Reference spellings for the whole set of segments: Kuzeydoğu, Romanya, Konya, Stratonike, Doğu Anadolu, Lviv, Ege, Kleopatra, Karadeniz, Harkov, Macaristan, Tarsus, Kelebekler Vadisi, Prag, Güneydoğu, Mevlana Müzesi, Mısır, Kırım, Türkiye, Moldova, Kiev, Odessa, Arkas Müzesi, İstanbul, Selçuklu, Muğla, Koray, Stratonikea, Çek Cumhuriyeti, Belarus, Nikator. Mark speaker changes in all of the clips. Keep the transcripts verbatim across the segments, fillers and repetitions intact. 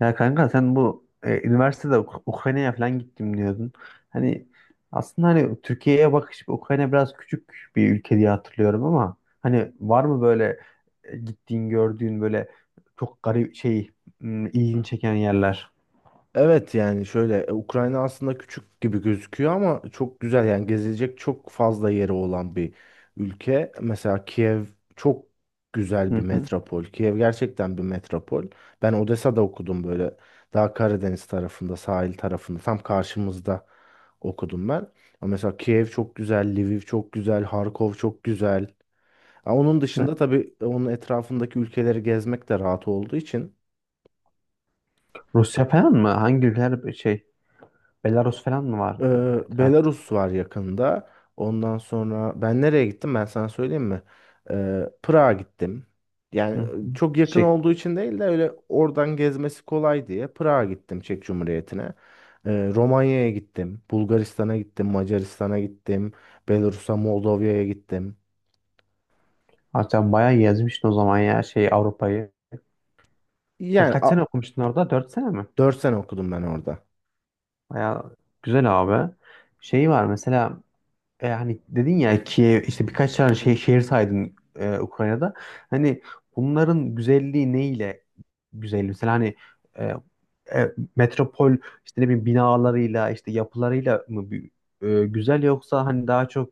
Speaker 1: Ya kanka sen bu e, üniversitede Uk- Ukrayna'ya falan gittim diyordun. Hani aslında hani Türkiye'ye bakış Ukrayna biraz küçük bir ülke diye hatırlıyorum ama hani var mı böyle e, gittiğin gördüğün böyle çok garip şey m, ilgini çeken yerler?
Speaker 2: Evet, yani şöyle e, Ukrayna aslında küçük gibi gözüküyor ama çok güzel, yani gezilecek çok fazla yeri olan bir ülke. Mesela Kiev çok güzel
Speaker 1: Hı
Speaker 2: bir
Speaker 1: hı.
Speaker 2: metropol. Kiev gerçekten bir metropol. Ben Odessa'da okudum, böyle daha Karadeniz tarafında, sahil tarafında, tam karşımızda okudum ben. Ama mesela Kiev çok güzel, Lviv çok güzel, Harkov çok güzel. Ha, onun dışında
Speaker 1: E,
Speaker 2: tabii onun etrafındaki ülkeleri gezmek de rahat olduğu için.
Speaker 1: Rusya falan mı? Hangi ülkeler şey Belarus falan mı var
Speaker 2: Ee,
Speaker 1: etraf?
Speaker 2: Belarus var yakında. Ondan sonra ben nereye gittim, ben sana söyleyeyim mi? Ee, Prag'a gittim.
Speaker 1: Hı
Speaker 2: Yani
Speaker 1: hı.
Speaker 2: çok yakın
Speaker 1: Şey,
Speaker 2: olduğu için değil de öyle oradan gezmesi kolay diye Prag'a gittim, Çek Cumhuriyeti'ne. Ee, Romanya'ya gittim. Bulgaristan'a gittim. Macaristan'a gittim. Belarus'a, Moldova'ya gittim.
Speaker 1: ha, Sen bayağı gezmiştin o zaman ya şey Avrupa'yı. Sen
Speaker 2: Yani
Speaker 1: kaç sene
Speaker 2: a-
Speaker 1: okumuştun orada? Dört sene mi?
Speaker 2: dört sene okudum ben orada.
Speaker 1: Bayağı güzel abi. Şey var mesela e, hani dedin ya ki işte birkaç tane şey, şehir saydın e, Ukrayna'da. Hani bunların güzelliği neyle güzel? Mesela hani e, e, metropol işte ne bileyim binalarıyla işte yapılarıyla mı bir- e, güzel yoksa hani daha çok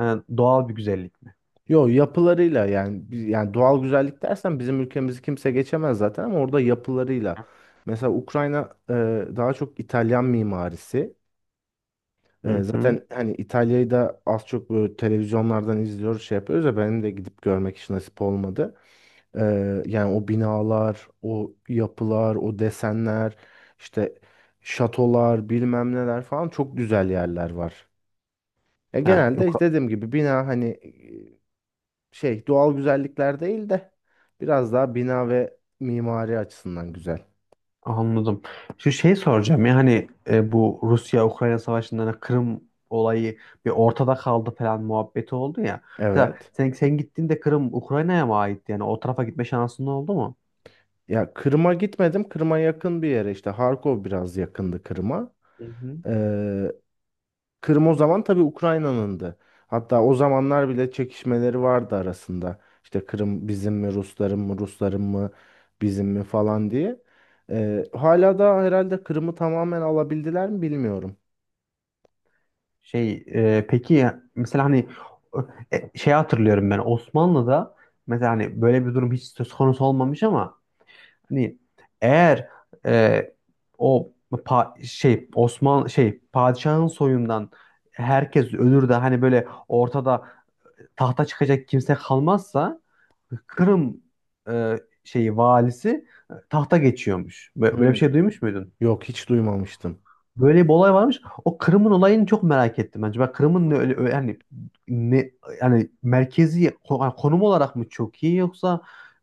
Speaker 1: e, doğal bir güzellik mi?
Speaker 2: Yo, yapılarıyla. Yani bi- yani doğal güzellik dersen bizim ülkemizi kimse geçemez zaten, ama orada yapılarıyla. Mesela Ukrayna e, daha çok İtalyan mimarisi. E,
Speaker 1: Hı hı.
Speaker 2: zaten hani İtalya'yı da az çok böyle televizyonlardan izliyoruz, şey yapıyoruz ya, benim de gidip görmek hiç nasip olmadı. E, yani o binalar, o yapılar, o desenler, işte şatolar, bilmem neler falan, çok güzel yerler var. E,
Speaker 1: Ha,
Speaker 2: genelde işte dediğim gibi bina, hani şey, doğal güzellikler değil de biraz daha bina ve mimari açısından güzel.
Speaker 1: Anladım. Şu şey soracağım ya hani e, bu Rusya-Ukrayna savaşından hani Kırım olayı bir ortada kaldı falan muhabbeti oldu ya. Mesela
Speaker 2: Evet.
Speaker 1: sen, sen gittiğinde Kırım Ukrayna'ya mı aitti? Yani o tarafa gitme şansın oldu mu?
Speaker 2: Ya, Kırım'a gitmedim. Kırım'a yakın bir yere, işte Harkov biraz yakındı Kırım'a.
Speaker 1: Hı hı.
Speaker 2: Ee, Kırım o zaman tabii Ukrayna'nındı. Hatta o zamanlar bile çekişmeleri vardı arasında. İşte Kırım bizim mi, Rusların mı, Rusların mı bizim mi falan diye. Ee, hala da herhalde Kırım'ı tamamen alabildiler mi bilmiyorum.
Speaker 1: Şey e, peki ya, mesela hani e, şey hatırlıyorum ben Osmanlı'da mesela hani böyle bir durum hiç söz konusu olmamış ama hani eğer e, o pa- şey Osman şey padişahın soyundan herkes ölür de hani böyle ortada tahta çıkacak kimse kalmazsa Kırım e, şeyi valisi e, tahta geçiyormuş. Bö- Böyle bir
Speaker 2: Hmm.
Speaker 1: şey duymuş muydun?
Speaker 2: Yok, hiç duymamıştım.
Speaker 1: Böyle bir olay varmış. O Kırım'ın olayını çok merak ettim bence. Ben Kırım'ın ne öyle öyle- hani ne yani merkezi ko- yani konum olarak mı çok iyi yoksa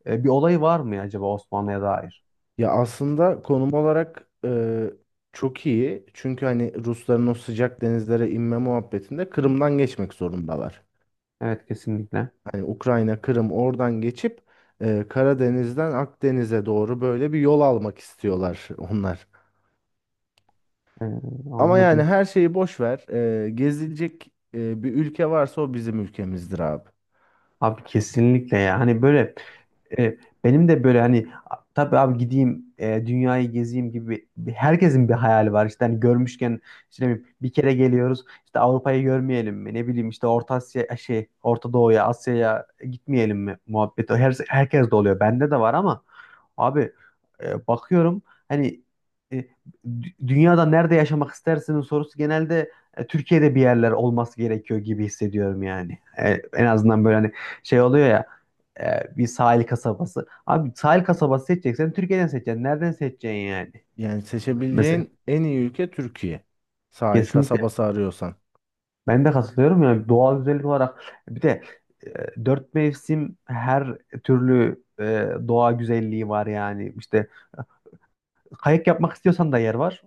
Speaker 1: e, bir olay var mı acaba Osmanlı'ya dair?
Speaker 2: Ya aslında konum olarak e, çok iyi. Çünkü hani Rusların o sıcak denizlere inme muhabbetinde
Speaker 1: Hı.
Speaker 2: Kırım'dan geçmek zorundalar.
Speaker 1: Evet kesinlikle.
Speaker 2: Hani Ukrayna, Kırım oradan geçip e, Karadeniz'den Akdeniz'e doğru böyle bir yol almak istiyorlar onlar.
Speaker 1: Ee,
Speaker 2: Ama yani
Speaker 1: anladım.
Speaker 2: her şeyi boş ver. E, gezilecek e, bir ülke varsa o bizim ülkemizdir abi.
Speaker 1: Abi kesinlikle ya. Hani böyle e, benim de böyle hani a- tabii abi gideyim e, dünyayı gezeyim gibi bir- herkesin bir hayali var. İşte hani görmüşken işte ne bileyim, bir kere geliyoruz. İşte Avrupa'yı görmeyelim mi? Ne bileyim işte Orta Asya şey Orta Doğu'ya, Asya'ya gitmeyelim mi muhabbeti. Her, herkes de oluyor. Bende de var ama abi e, bakıyorum hani e, dü- dünyada nerede yaşamak istersinin sorusu genelde e, Türkiye'de bir yerler olması gerekiyor gibi hissediyorum yani. E, en azından böyle hani şey oluyor ya e, bir sahil kasabası. Abi sahil kasabası seçeceksen Türkiye'den seçeceksin. Nereden seçeceksin yani?
Speaker 2: Yani
Speaker 1: Mesela
Speaker 2: seçebileceğin en iyi ülke Türkiye. Sahil
Speaker 1: kesinlikle
Speaker 2: kasabası arıyorsan.
Speaker 1: ben de katılıyorum yani doğal güzellik olarak. E, bir de e, dört mevsim her türlü e, doğa güzelliği var yani işte kayak yapmak istiyorsan da yer var.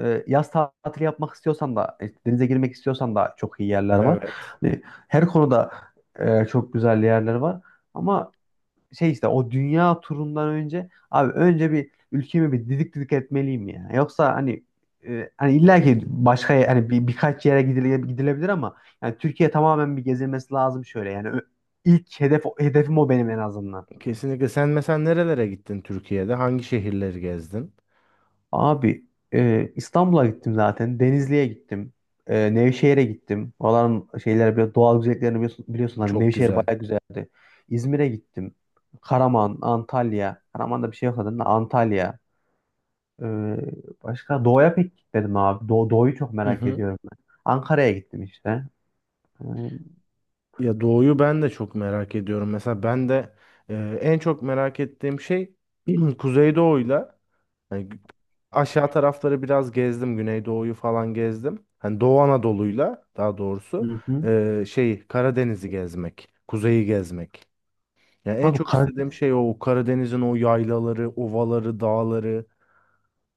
Speaker 1: Ee, yaz tatili yapmak istiyorsan da, e, denize girmek istiyorsan da çok iyi yerler var.
Speaker 2: Evet.
Speaker 1: Hani her konuda e, çok güzel yerler var. Ama şey işte o dünya turundan önce abi önce bir ülkemi bir didik didik etmeliyim ya. Yoksa hani e, hani illa ki başka ye- hani bir, birkaç yere gidile- gidilebilir ama yani Türkiye tamamen bir gezilmesi lazım şöyle. Yani ö- ilk hedef hedefim o benim en azından.
Speaker 2: Kesinlikle. Sen mesela nerelere gittin Türkiye'de? Hangi şehirleri gezdin?
Speaker 1: Abi e, İstanbul'a gittim zaten. Denizli'ye gittim. E, Nevşehir'e gittim. Oraların şeyler biraz doğal güzelliklerini biliyorsun, biliyorsun hani
Speaker 2: Çok
Speaker 1: Nevşehir
Speaker 2: güzel.
Speaker 1: baya güzeldi. İzmir'e gittim. Karaman, Antalya. Karaman'da bir şey yok zaten de Antalya. E, başka doğuya pek gitmedim abi. Doğu, doğuyu çok
Speaker 2: Hı
Speaker 1: merak
Speaker 2: hı.
Speaker 1: ediyorum ben. Ankara'ya gittim işte. E,
Speaker 2: Ya doğuyu ben de çok merak ediyorum. Mesela ben de e, en çok merak ettiğim şey, Kuzeydoğu'yla hani gü- aşağı tarafları biraz gezdim. Güneydoğu'yu falan gezdim. Hani Doğu Anadolu'yla, daha doğrusu
Speaker 1: hı hı,
Speaker 2: e, şey, Karadeniz'i gezmek, kuzeyi gezmek. Yani en
Speaker 1: abi
Speaker 2: çok
Speaker 1: Kar-
Speaker 2: istediğim şey o Karadeniz'in o yaylaları, ovaları, dağları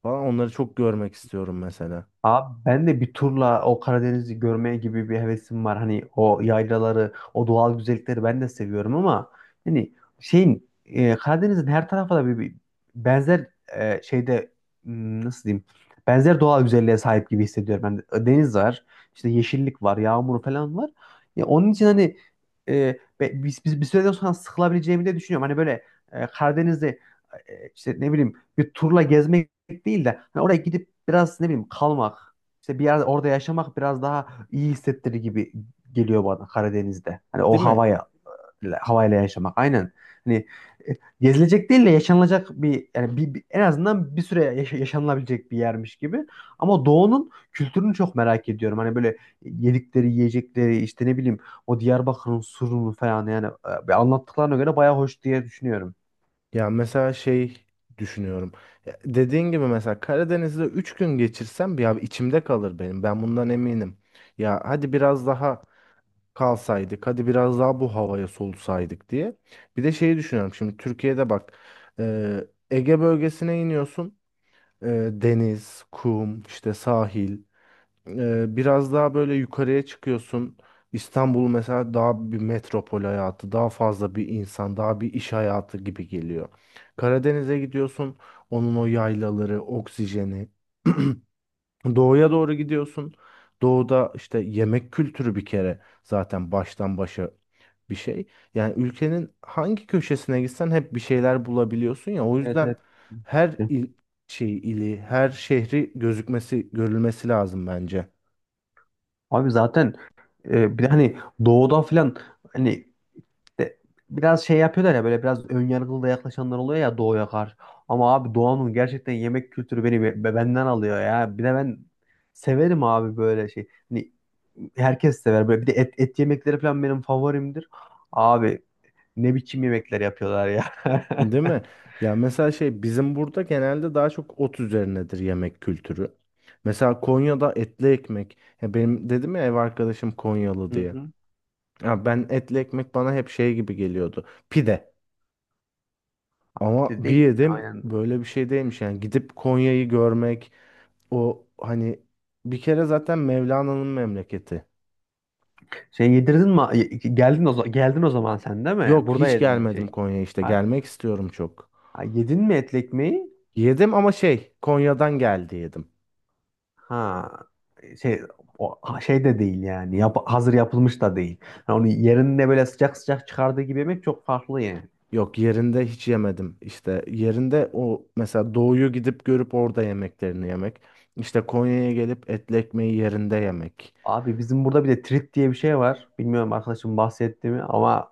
Speaker 2: falan, onları çok görmek istiyorum mesela.
Speaker 1: abi ben de bir turla o Karadeniz'i görmeye gibi bir hevesim var. Hani o yaylaları, o doğal güzellikleri ben de seviyorum ama hani şeyin e, Karadeniz'in her tarafı da bir, bir benzer e, şeyde hmm, nasıl diyeyim? Benzer doğal güzelliğe sahip gibi hissediyorum ben. Deniz var, işte yeşillik var, yağmur falan var. Ya onun için hani e, be- biz, biz bir süreden sonra sıkılabileceğimi de düşünüyorum. Hani böyle e, Karadeniz'i e, işte ne bileyim bir turla gezmek değil de hani oraya gidip biraz ne bileyim kalmak işte bir yerde orada yaşamak biraz daha iyi hissettirir gibi geliyor bana Karadeniz'de. Hani o
Speaker 2: Değil mi?
Speaker 1: havaya havayla yaşamak aynen. Hani e, gezilecek değil de yaşanılacak bir yani bir, bir- en azından bir süre yaşa- yaşanılabilecek bir yermiş gibi. Ama doğunun kültürünü çok merak ediyorum. Hani böyle yedikleri, yiyecekleri işte ne bileyim o Diyarbakır'ın surunu falan yani e, anlattıklarına göre bayağı hoş diye düşünüyorum.
Speaker 2: Ya mesela şey düşünüyorum. Ya, dediğin gibi, mesela Karadeniz'de üç gün geçirsem, ya içimde kalır benim. Ben bundan eminim. Ya hadi biraz daha kalsaydık, hadi biraz daha bu havaya solusaydık diye. Bir de şeyi düşünüyorum. Şimdi Türkiye'de bak, e, Ege bölgesine iniyorsun. E, deniz, kum, işte sahil. Ee, biraz daha böyle yukarıya çıkıyorsun. İstanbul mesela daha bir metropol hayatı, daha fazla bir insan, daha bir iş hayatı gibi geliyor. Karadeniz'e gidiyorsun, onun o yaylaları, oksijeni. Doğuya doğru gidiyorsun. Doğuda işte yemek kültürü bir kere zaten baştan başa bir şey. Yani ülkenin hangi köşesine gitsen hep bir şeyler bulabiliyorsun ya. O
Speaker 1: Evet
Speaker 2: yüzden
Speaker 1: evet.
Speaker 2: her il, şey ili, her şehri gözükmesi, görülmesi lazım bence.
Speaker 1: Abi zaten e, bir de hani doğuda falan hani de- biraz şey yapıyorlar ya böyle biraz önyargılı da yaklaşanlar oluyor ya doğuya karşı. Ama abi doğanın gerçekten yemek kültürü beni be- be- benden alıyor ya. Bir de ben severim abi böyle şey. Hani herkes sever böyle bir de et, et yemekleri falan benim favorimdir. Abi ne biçim yemekler yapıyorlar ya.
Speaker 2: Değil mi? Ya mesela şey, bizim burada genelde daha çok ot üzerinedir yemek kültürü. Mesela Konya'da etli ekmek. Ya benim dedim ya, ev arkadaşım Konyalı
Speaker 1: Hı
Speaker 2: diye.
Speaker 1: hı.
Speaker 2: Ya, ben etli ekmek, bana hep şey gibi geliyordu. Pide. Ama
Speaker 1: İşte
Speaker 2: bir
Speaker 1: değil.
Speaker 2: yedim,
Speaker 1: Aynen.
Speaker 2: böyle bir şey değilmiş. Yani gidip Konya'yı görmek, o hani bir kere zaten Mevlana'nın memleketi.
Speaker 1: Şey yedirdin mi? Geldin o zaman, geldin o zaman sen değil mi?
Speaker 2: Yok,
Speaker 1: Burada
Speaker 2: hiç
Speaker 1: yedin
Speaker 2: gelmedim
Speaker 1: şey.
Speaker 2: Konya, işte
Speaker 1: Ha,
Speaker 2: gelmek istiyorum çok.
Speaker 1: ha, yedin mi etli ekmeği?
Speaker 2: Yedim ama şey, Konya'dan geldi yedim.
Speaker 1: Ha şey o, ha, şey de değil yani Yap- hazır yapılmış da değil. Yani onu yerinde böyle sıcak sıcak çıkardığı gibi yemek çok farklı yani.
Speaker 2: Yok, yerinde hiç yemedim. İşte yerinde, o mesela doğuyu gidip görüp orada yemeklerini yemek. İşte Konya'ya gelip etli ekmeği yerinde yemek.
Speaker 1: Abi bizim burada bir de trit diye bir şey var. Bilmiyorum arkadaşım bahsetti mi ama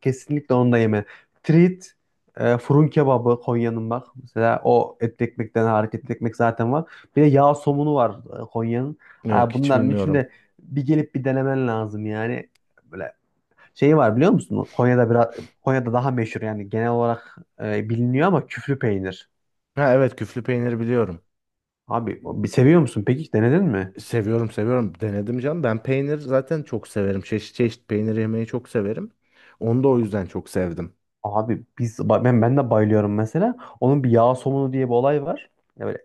Speaker 1: kesinlikle onu da yeme. Trit e, fırın kebabı Konya'nın bak. Mesela o etli ekmekten hareketli ekmek zaten var. Bir de yağ somunu var e, Konya'nın.
Speaker 2: Yok,
Speaker 1: Ha,
Speaker 2: hiç
Speaker 1: bunların
Speaker 2: bilmiyorum.
Speaker 1: içinde bir gelip bir denemen lazım yani. Böyle şeyi var biliyor musun? Konya'da biraz Konya'da daha meşhur yani genel olarak e, biliniyor ama küflü peynir.
Speaker 2: Ha evet, küflü peynir biliyorum.
Speaker 1: Abi bir seviyor musun? Peki denedin mi?
Speaker 2: Seviyorum, seviyorum. Denedim canım. Ben peynir zaten çok severim. Çeşit çeşit peynir yemeyi çok severim. Onu da o yüzden çok sevdim.
Speaker 1: Abi biz ben ben de bayılıyorum mesela. Onun bir yağ somunu diye bir olay var. Evet,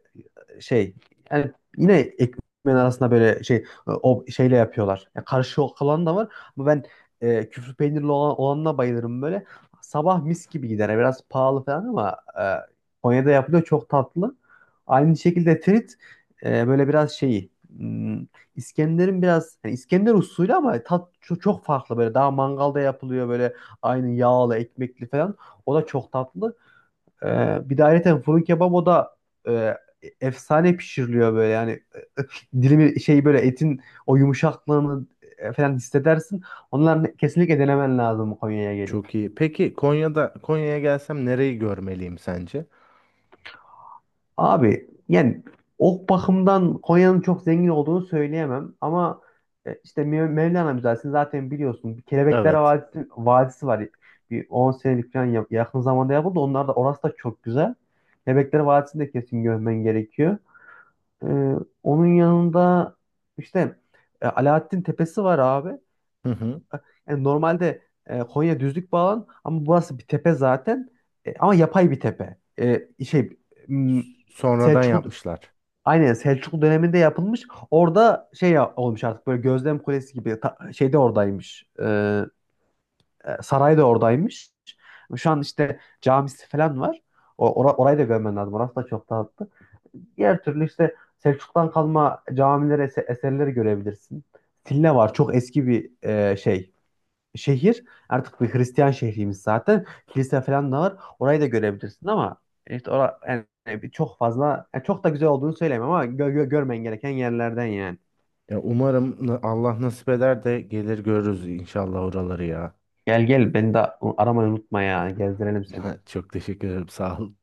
Speaker 1: şey yani yine ekmeğin arasında böyle şey e, o şeyle yapıyorlar. Yani karışık olan da var ama ben e, küflü peynirli olan, olanına bayılırım böyle. Sabah mis gibi gider. Yani biraz pahalı falan ama e, Konya'da yapılıyor çok tatlı. Aynı şekilde trit e, böyle biraz şeyi hmm, İskender'in biraz yani İskender usulü ama tat çok, çok farklı böyle daha mangalda yapılıyor böyle aynı yağlı ekmekli falan. O da çok tatlı. Ee, bir de ayrıca fırın kebabı da e, efsane pişiriliyor böyle yani dilimi şey böyle etin o yumuşaklığını e, falan hissedersin. Onları kesinlikle denemen lazım Konya'ya gelip.
Speaker 2: Çok iyi. Peki Konya'da, Konya'ya gelsem nereyi görmeliyim sence?
Speaker 1: Abi yani o bakımdan Konya'nın çok zengin olduğunu söyleyemem ama e, işte Mev- Mevlana Müzesi'ni zaten biliyorsun. Bir Kelebekler
Speaker 2: Evet.
Speaker 1: Vadisi, Vadisi var. Bir on senelik falan yap- yakın zamanda yapıldı. Onlar da orası da çok güzel. Kelebekler Vadisi'ni de kesin görmen gerekiyor. Ee, onun yanında işte e, Alaaddin Tepesi var abi.
Speaker 2: Hı hı.
Speaker 1: Yani normalde e, Konya düzlük bir alan ama burası bir tepe zaten. E, ama yapay bir tepe. E, şey m,
Speaker 2: Sonradan
Speaker 1: Selçuklu
Speaker 2: yapmışlar.
Speaker 1: aynen Selçuklu döneminde yapılmış. Orada şey ya- olmuş artık böyle gözlem kulesi gibi ta, şey de oradaymış. E, e, saray da oradaymış. Şu an işte camisi falan var. O, ora- orayı da görmen lazım. Orası da çok tatlı. Diğer türlü işte Selçuk'tan kalma camilere, eserleri görebilirsin. Silne var. Çok eski bir e, şey. Şehir. Artık bir Hristiyan şehrimiz zaten. Kilise falan da var. Orayı da görebilirsin ama işte ora, yani bir- çok fazla yani çok da güzel olduğunu söyleyemem ama gö- gö- görmen gereken yerlerden yani.
Speaker 2: Ya umarım na- Allah nasip eder de gelir görürüz inşallah oraları ya.
Speaker 1: Gel gel beni de aramayı unutma ya. Gezdirelim seni.
Speaker 2: Çok teşekkür ederim. Sağ ol.